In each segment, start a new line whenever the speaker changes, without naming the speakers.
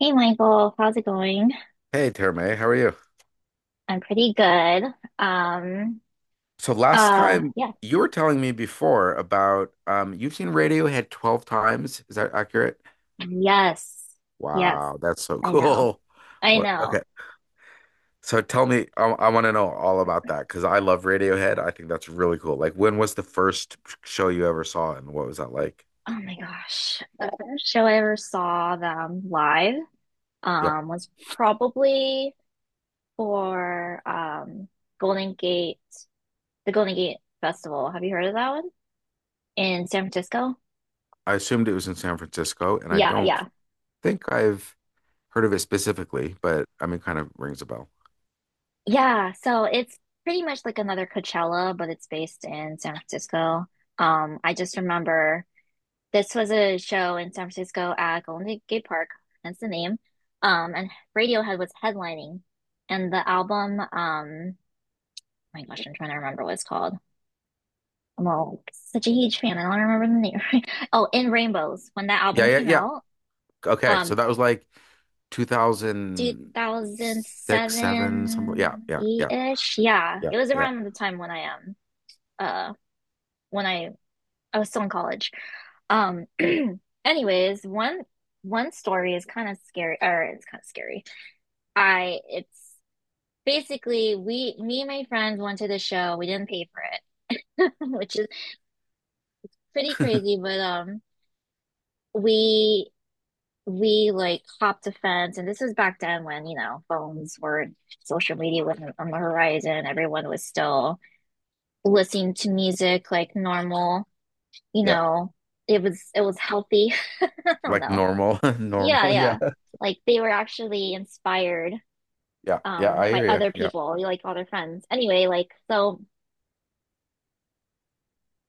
Hey Michael, how's it going?
Hey, Terme, how are you?
I'm pretty good. Um,
So last time
yeah.
you were telling me before about you've seen Radiohead 12 times. Is that accurate?
Yes. Yes.
Wow, that's so
I know.
cool.
I
What? Okay.
know.
So tell me, I want to know all about that because I love Radiohead. I think that's really cool. Like, when was the first show you ever saw and what was that like?
Oh my gosh. The first show I ever saw them live,
Yeah.
was probably for, Golden Gate, the Golden Gate Festival. Have you heard of that one? In San Francisco?
I assumed it was in San Francisco and I
Yeah,
don't
yeah.
think I've heard of it specifically, but I mean, kind of rings a bell.
Yeah, so it's pretty much like another Coachella, but it's based in San Francisco. I just remember this was a show in San Francisco at Golden Gate Park, hence the name. And Radiohead was headlining, and oh my gosh, I'm trying to remember what it's called. I'm all such a huge fan. I don't remember the name. Right? Oh, In Rainbows, when that
Yeah,
album
yeah,
came
yeah.
out,
Okay. So
um,
that was like 2006, 7, something. Yeah,
2007,
yeah, yeah,
8-ish. Yeah,
yeah,
it was
yeah,
around the time uh, when I was still in college. Um, anyways, one story is kind of scary, or it's kind of scary. I it's basically, we me and my friends went to the show. We didn't pay for it, which is pretty crazy, but we we like hopped a fence, and this was back then when, you know, phones were social media wasn't on the horizon. Everyone was still listening to music like normal, you
yeah.
know. It was healthy. I don't
Like
know.
normal,
Yeah,
normal. Yeah,
yeah. Like they were actually inspired
yeah, yeah. I
by
hear you.
other
Yeah.
people, like other friends. Anyway, like, so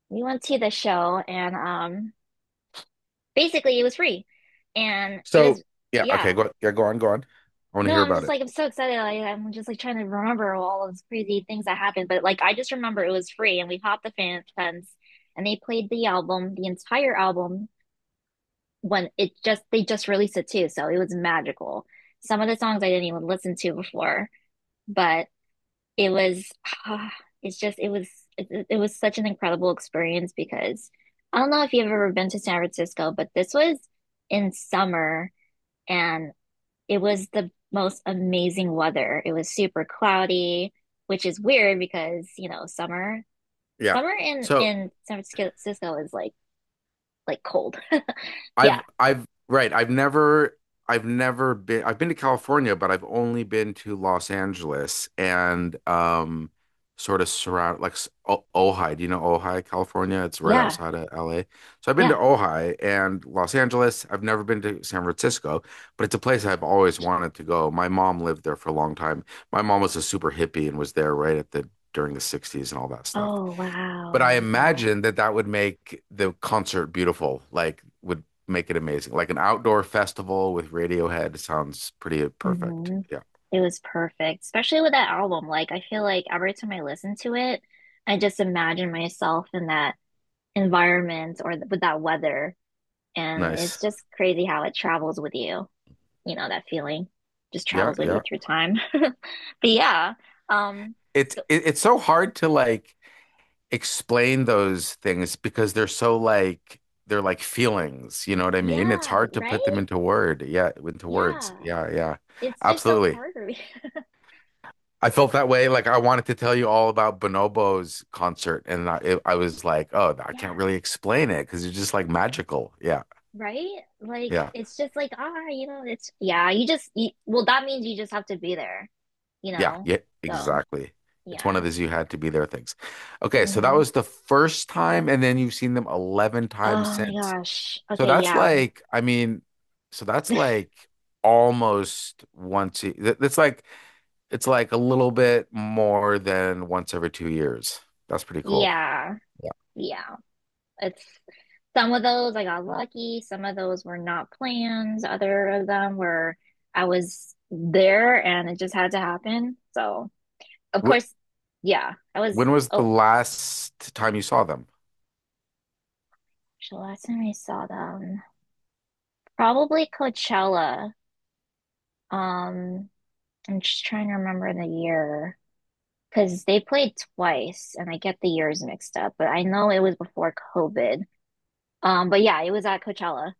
we went to the show and basically it was free. And it
So,
was
yeah. Okay.
yeah.
Go. Yeah. Go on. Go on. I want to
No,
hear
I'm
about
just
it.
like, I'm so excited. Like I'm just like trying to remember all of those crazy things that happened. But like, I just remember it was free and we popped the fan fence, and they played the album, the entire album when it just they just released it too. So it was magical. Some of the songs I didn't even listen to before, but it was ah, it's just it was it, it was such an incredible experience because I don't know if you've ever been to San Francisco, but this was in summer, and it was the most amazing weather. It was super cloudy, which is weird because, you know, summer
Yeah.
summer in
So,
in San Francisco is like cold. Yeah.
I've right, I've never been. I've been to California, but I've only been to Los Angeles and sort of surround like Ojai. Do you know Ojai, California? It's right
Yeah.
outside of LA. So I've been to
Yeah.
Ojai and Los Angeles. I've never been to San Francisco, but it's a place I've always wanted to go. My mom lived there for a long time. My mom was a super hippie and was there right at the during the 60s and all that stuff.
Oh, wow.
But
I
I
love that.
imagine that that would make the concert beautiful, like would make it amazing. Like an outdoor festival with Radiohead sounds pretty perfect.
Mhm.
Yeah.
It was perfect, especially with that album. Like, I feel like every time I listen to it, I just imagine myself in that environment or th with that weather. And it's
Nice.
just crazy how it travels with you. You know, that feeling just
Yeah,
travels with you
yeah.
through time. But yeah, um,
It's
so
it, it's so hard to like explain those things because they're so like they're like feelings, you know what I mean? It's
yeah,
hard to put
right?
them into word. Yeah, into words.
Yeah.
Yeah, yeah.
It's just so
Absolutely.
hard for me.
I felt that way. Like I wanted to tell you all about Bonobo's concert, and I was like, oh, I can't
Yeah,
really explain it because it's just like magical. Yeah,
right? Like,
yeah,
it's just like, ah, you know, it's, yeah, you just, you, well, that means you just have to be there, you
yeah,
know?
yeah,
So.
exactly. It's one
Yeah.
of those you had to be there things. Okay, so that
Hmm.
was the first time, and then you've seen them 11 times
Oh my
since.
gosh.
So
Okay,
that's
yeah.
like, I mean, so that's like almost once. That's like it's like a little bit more than once every 2 years. That's pretty cool.
Yeah.
Yeah.
Yeah. It's some of those I got lucky, some of those were not plans. Other of them were I was there and it just had to happen. So, of course, yeah. I was
When was the
oh,
last time you saw them?
the last time I saw them, probably Coachella. Um, I'm just trying to remember the year because they played twice and I get the years mixed up, but I know it was before COVID. But yeah, it was at Coachella.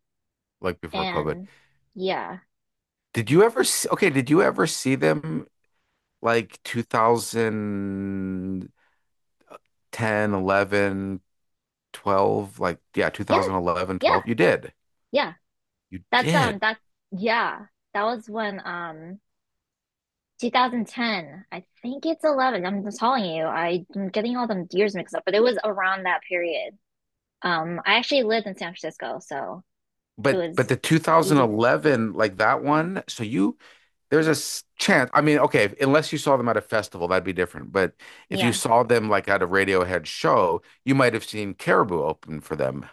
Like before COVID?
And yeah.
Did you ever see, okay, did you ever see them like 2010, 11, 12? Like, yeah, two
Yeah,
thousand eleven,
yeah,
12. You did.
yeah.
You
That's
did.
that yeah. That was when 2010. I think it's 11. I'm just telling you. I'm getting all the years mixed up, but it was around that period. I actually lived in San Francisco, so it
But
was
the
easy to
2011, like that one, so you there's a chance. I mean, okay, unless you saw them at a festival, that'd be different. But if you
yeah.
saw them like at a Radiohead show, you might have seen Caribou open for them.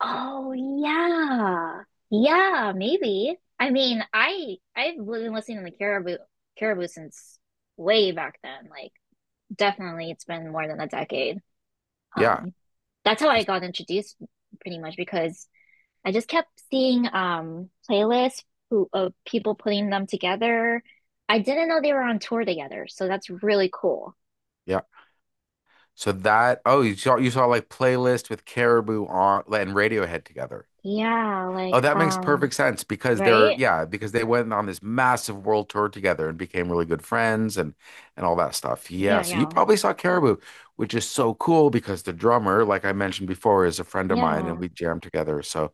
Oh yeah. Yeah, maybe. I mean, I I've been listening to the Caribou since way back then. Like definitely it's been more than a decade.
Yeah,
Um, that's how I
because
got introduced pretty much because I just kept seeing playlists who, of people putting them together. I didn't know they were on tour together, so that's really cool.
So that oh you saw like playlist with Caribou on and Radiohead together.
Yeah,
Oh,
like
that makes perfect sense because they're
right?
yeah, because they went on this massive world tour together and became really good friends and all that stuff. Yeah,
Yeah,
so you
yeah.
probably saw Caribou, which is so cool because the drummer, like I mentioned before, is a friend of mine and
Yeah.
we jammed together. So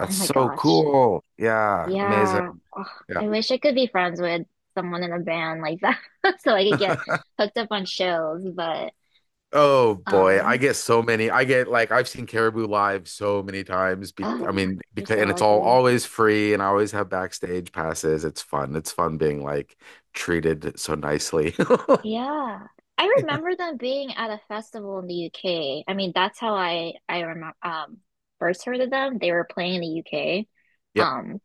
Oh my
so
gosh.
cool. Yeah,
Yeah.
amazing.
Ugh,
Yeah.
I wish I could be friends with someone in a band like that so I could get hooked up on shows, but
Oh boy, I
um
get so many. I get like I've seen Caribou live so many times. Be
oh,
I mean,
you're
because
so
and it's all
lucky.
always free, and I always have backstage passes. It's fun. It's fun being like treated so nicely.
Yeah. I
Yeah.
remember them being at a festival in the UK. I mean, that's how I remember first heard of them. They were playing in the UK.
Yeah.
Um,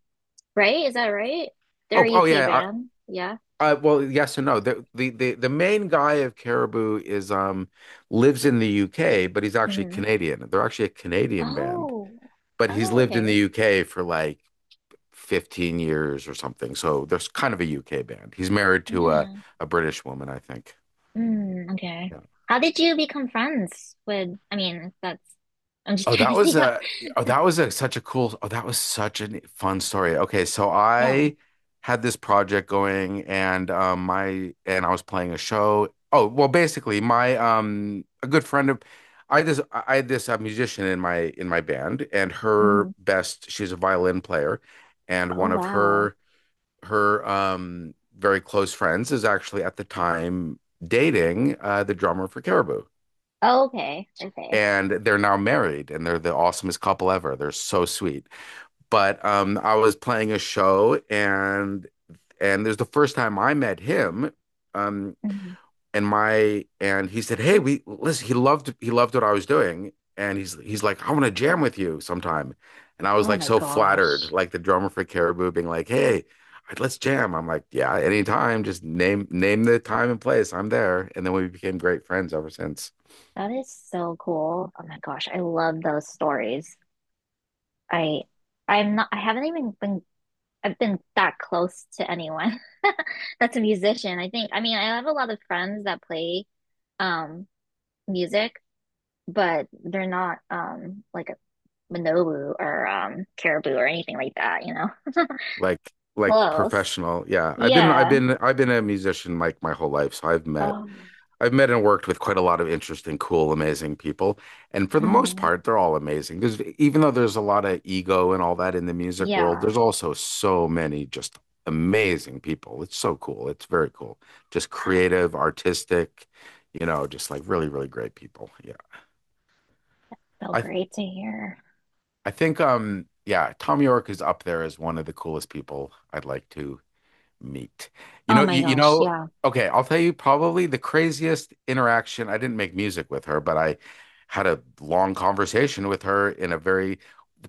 right? Is that right? They're
Oh,
a
oh
UK
yeah.
band. Yeah.
Well, yes and no. The main guy of Caribou is lives in the
Yeah.
UK, but he's actually
Hmm.
Canadian. They're actually a Canadian band,
Oh.
but he's
Oh,
lived in the
okay.
UK for like 15 years or something. So there's kind of a UK band. He's married to
Yeah.
a British woman, I think.
Mm, okay.
Yeah.
How did you become friends with, I mean, that's I'm just
Oh,
trying to
that was
see how.
a oh, that was a, such a oh, that was such a fun story. Okay, so
Yeah.
I had this project going and my and I was playing a show. Oh, well, basically my a good friend of I just I had this musician in my band and
Hmm.
her best she's a violin player and
Oh,
one of
wow.
her very close friends is actually at the time dating the drummer for Caribou.
Oh, okay. Okay.
And they're now married and they're the awesomest couple ever. They're so sweet. But I was playing a show and there's the first time I met him. Um,
Hmm.
and my and he said, "Hey, we listen." He loved what I was doing, and he's like, "I want to jam with you sometime," and I was
Oh
like
my
so flattered,
gosh.
like the drummer for Caribou being like, "Hey, let's jam." I'm like, "Yeah, anytime. Just name the time and place. I'm there." And then we became great friends ever since.
That is so cool. Oh my gosh, I love those stories. I I'm not I haven't even been I've been that close to anyone that's a musician. I think, I mean, I have a lot of friends that play um music, but they're not like a Manobu or Caribou or anything like that, you know.
Like
Close.
professional, yeah.
Yeah.
I've been a musician like my whole life, so
Um
I've met and worked with quite a lot of interesting, cool, amazing people. And for the most
mhm.
part, they're all amazing. Because even though there's a lot of ego and all that in the music world,
Yeah.
there's also so many just amazing people. It's so cool. It's very cool. Just creative, artistic, you know, just like really, really great people. Yeah.
So
I
great to hear.
I think yeah, Tom York is up there as one of the coolest people I'd like to Neat. You
Oh
know,
my
you
gosh,
know,
yeah.
okay, I'll tell you probably the craziest interaction. I didn't make music with her, but I had a long conversation with her in a very,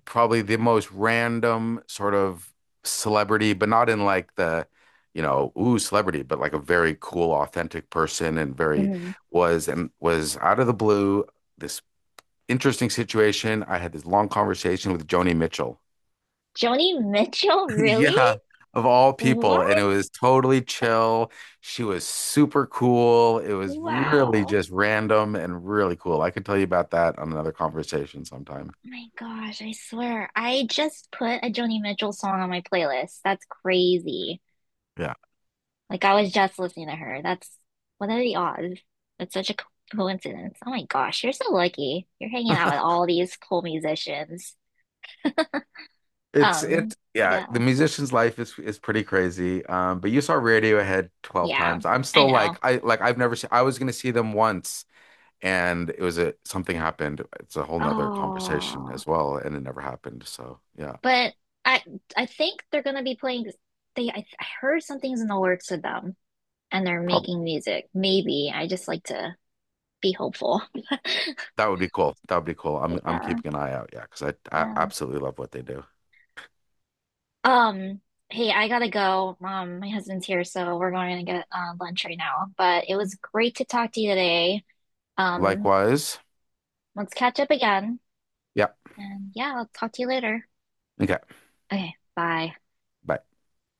probably the most random sort of celebrity, but not in like the, you know, ooh, celebrity, but like a very cool, authentic person and very
Mhm.
was out of the blue, this interesting situation. I had this long conversation with Joni Mitchell.
Joni Mitchell, really?
Yeah, of all
What?
people. And it was totally chill. She was super cool. It was really
Wow.
just random and really cool. I can tell you about that on another conversation sometime.
Oh my gosh, I swear. I just put a Joni Mitchell song on my playlist. That's crazy.
Yeah.
Like I was just listening to her. That's what are the odds? That's such a coincidence. Oh my gosh, you're so lucky. You're hanging out with all these cool musicians.
It's
Um,
it's yeah, the
yeah.
musician's life is pretty crazy. But you saw Radiohead 12
Yeah,
times. I'm
I
still like
know.
I've never seen I was gonna see them once and it was a something happened. It's a whole nother conversation
Oh,
as well, and it never happened. So yeah.
but I I think they're gonna be playing they I heard something's in the works with them and they're
Probably
making music. Maybe. I just like to be hopeful.
That would be cool. That would be cool. I'm
Yeah,
keeping an eye out. Yeah, because I
yeah.
absolutely love what they do.
Um, hey, I gotta go. My husband's here, so we're going to get lunch right now. But it was great to talk to you today. Um,
Likewise.
let's catch up again.
Yeah.
And yeah, I'll talk to you later.
Okay.
Okay, bye.
Bye.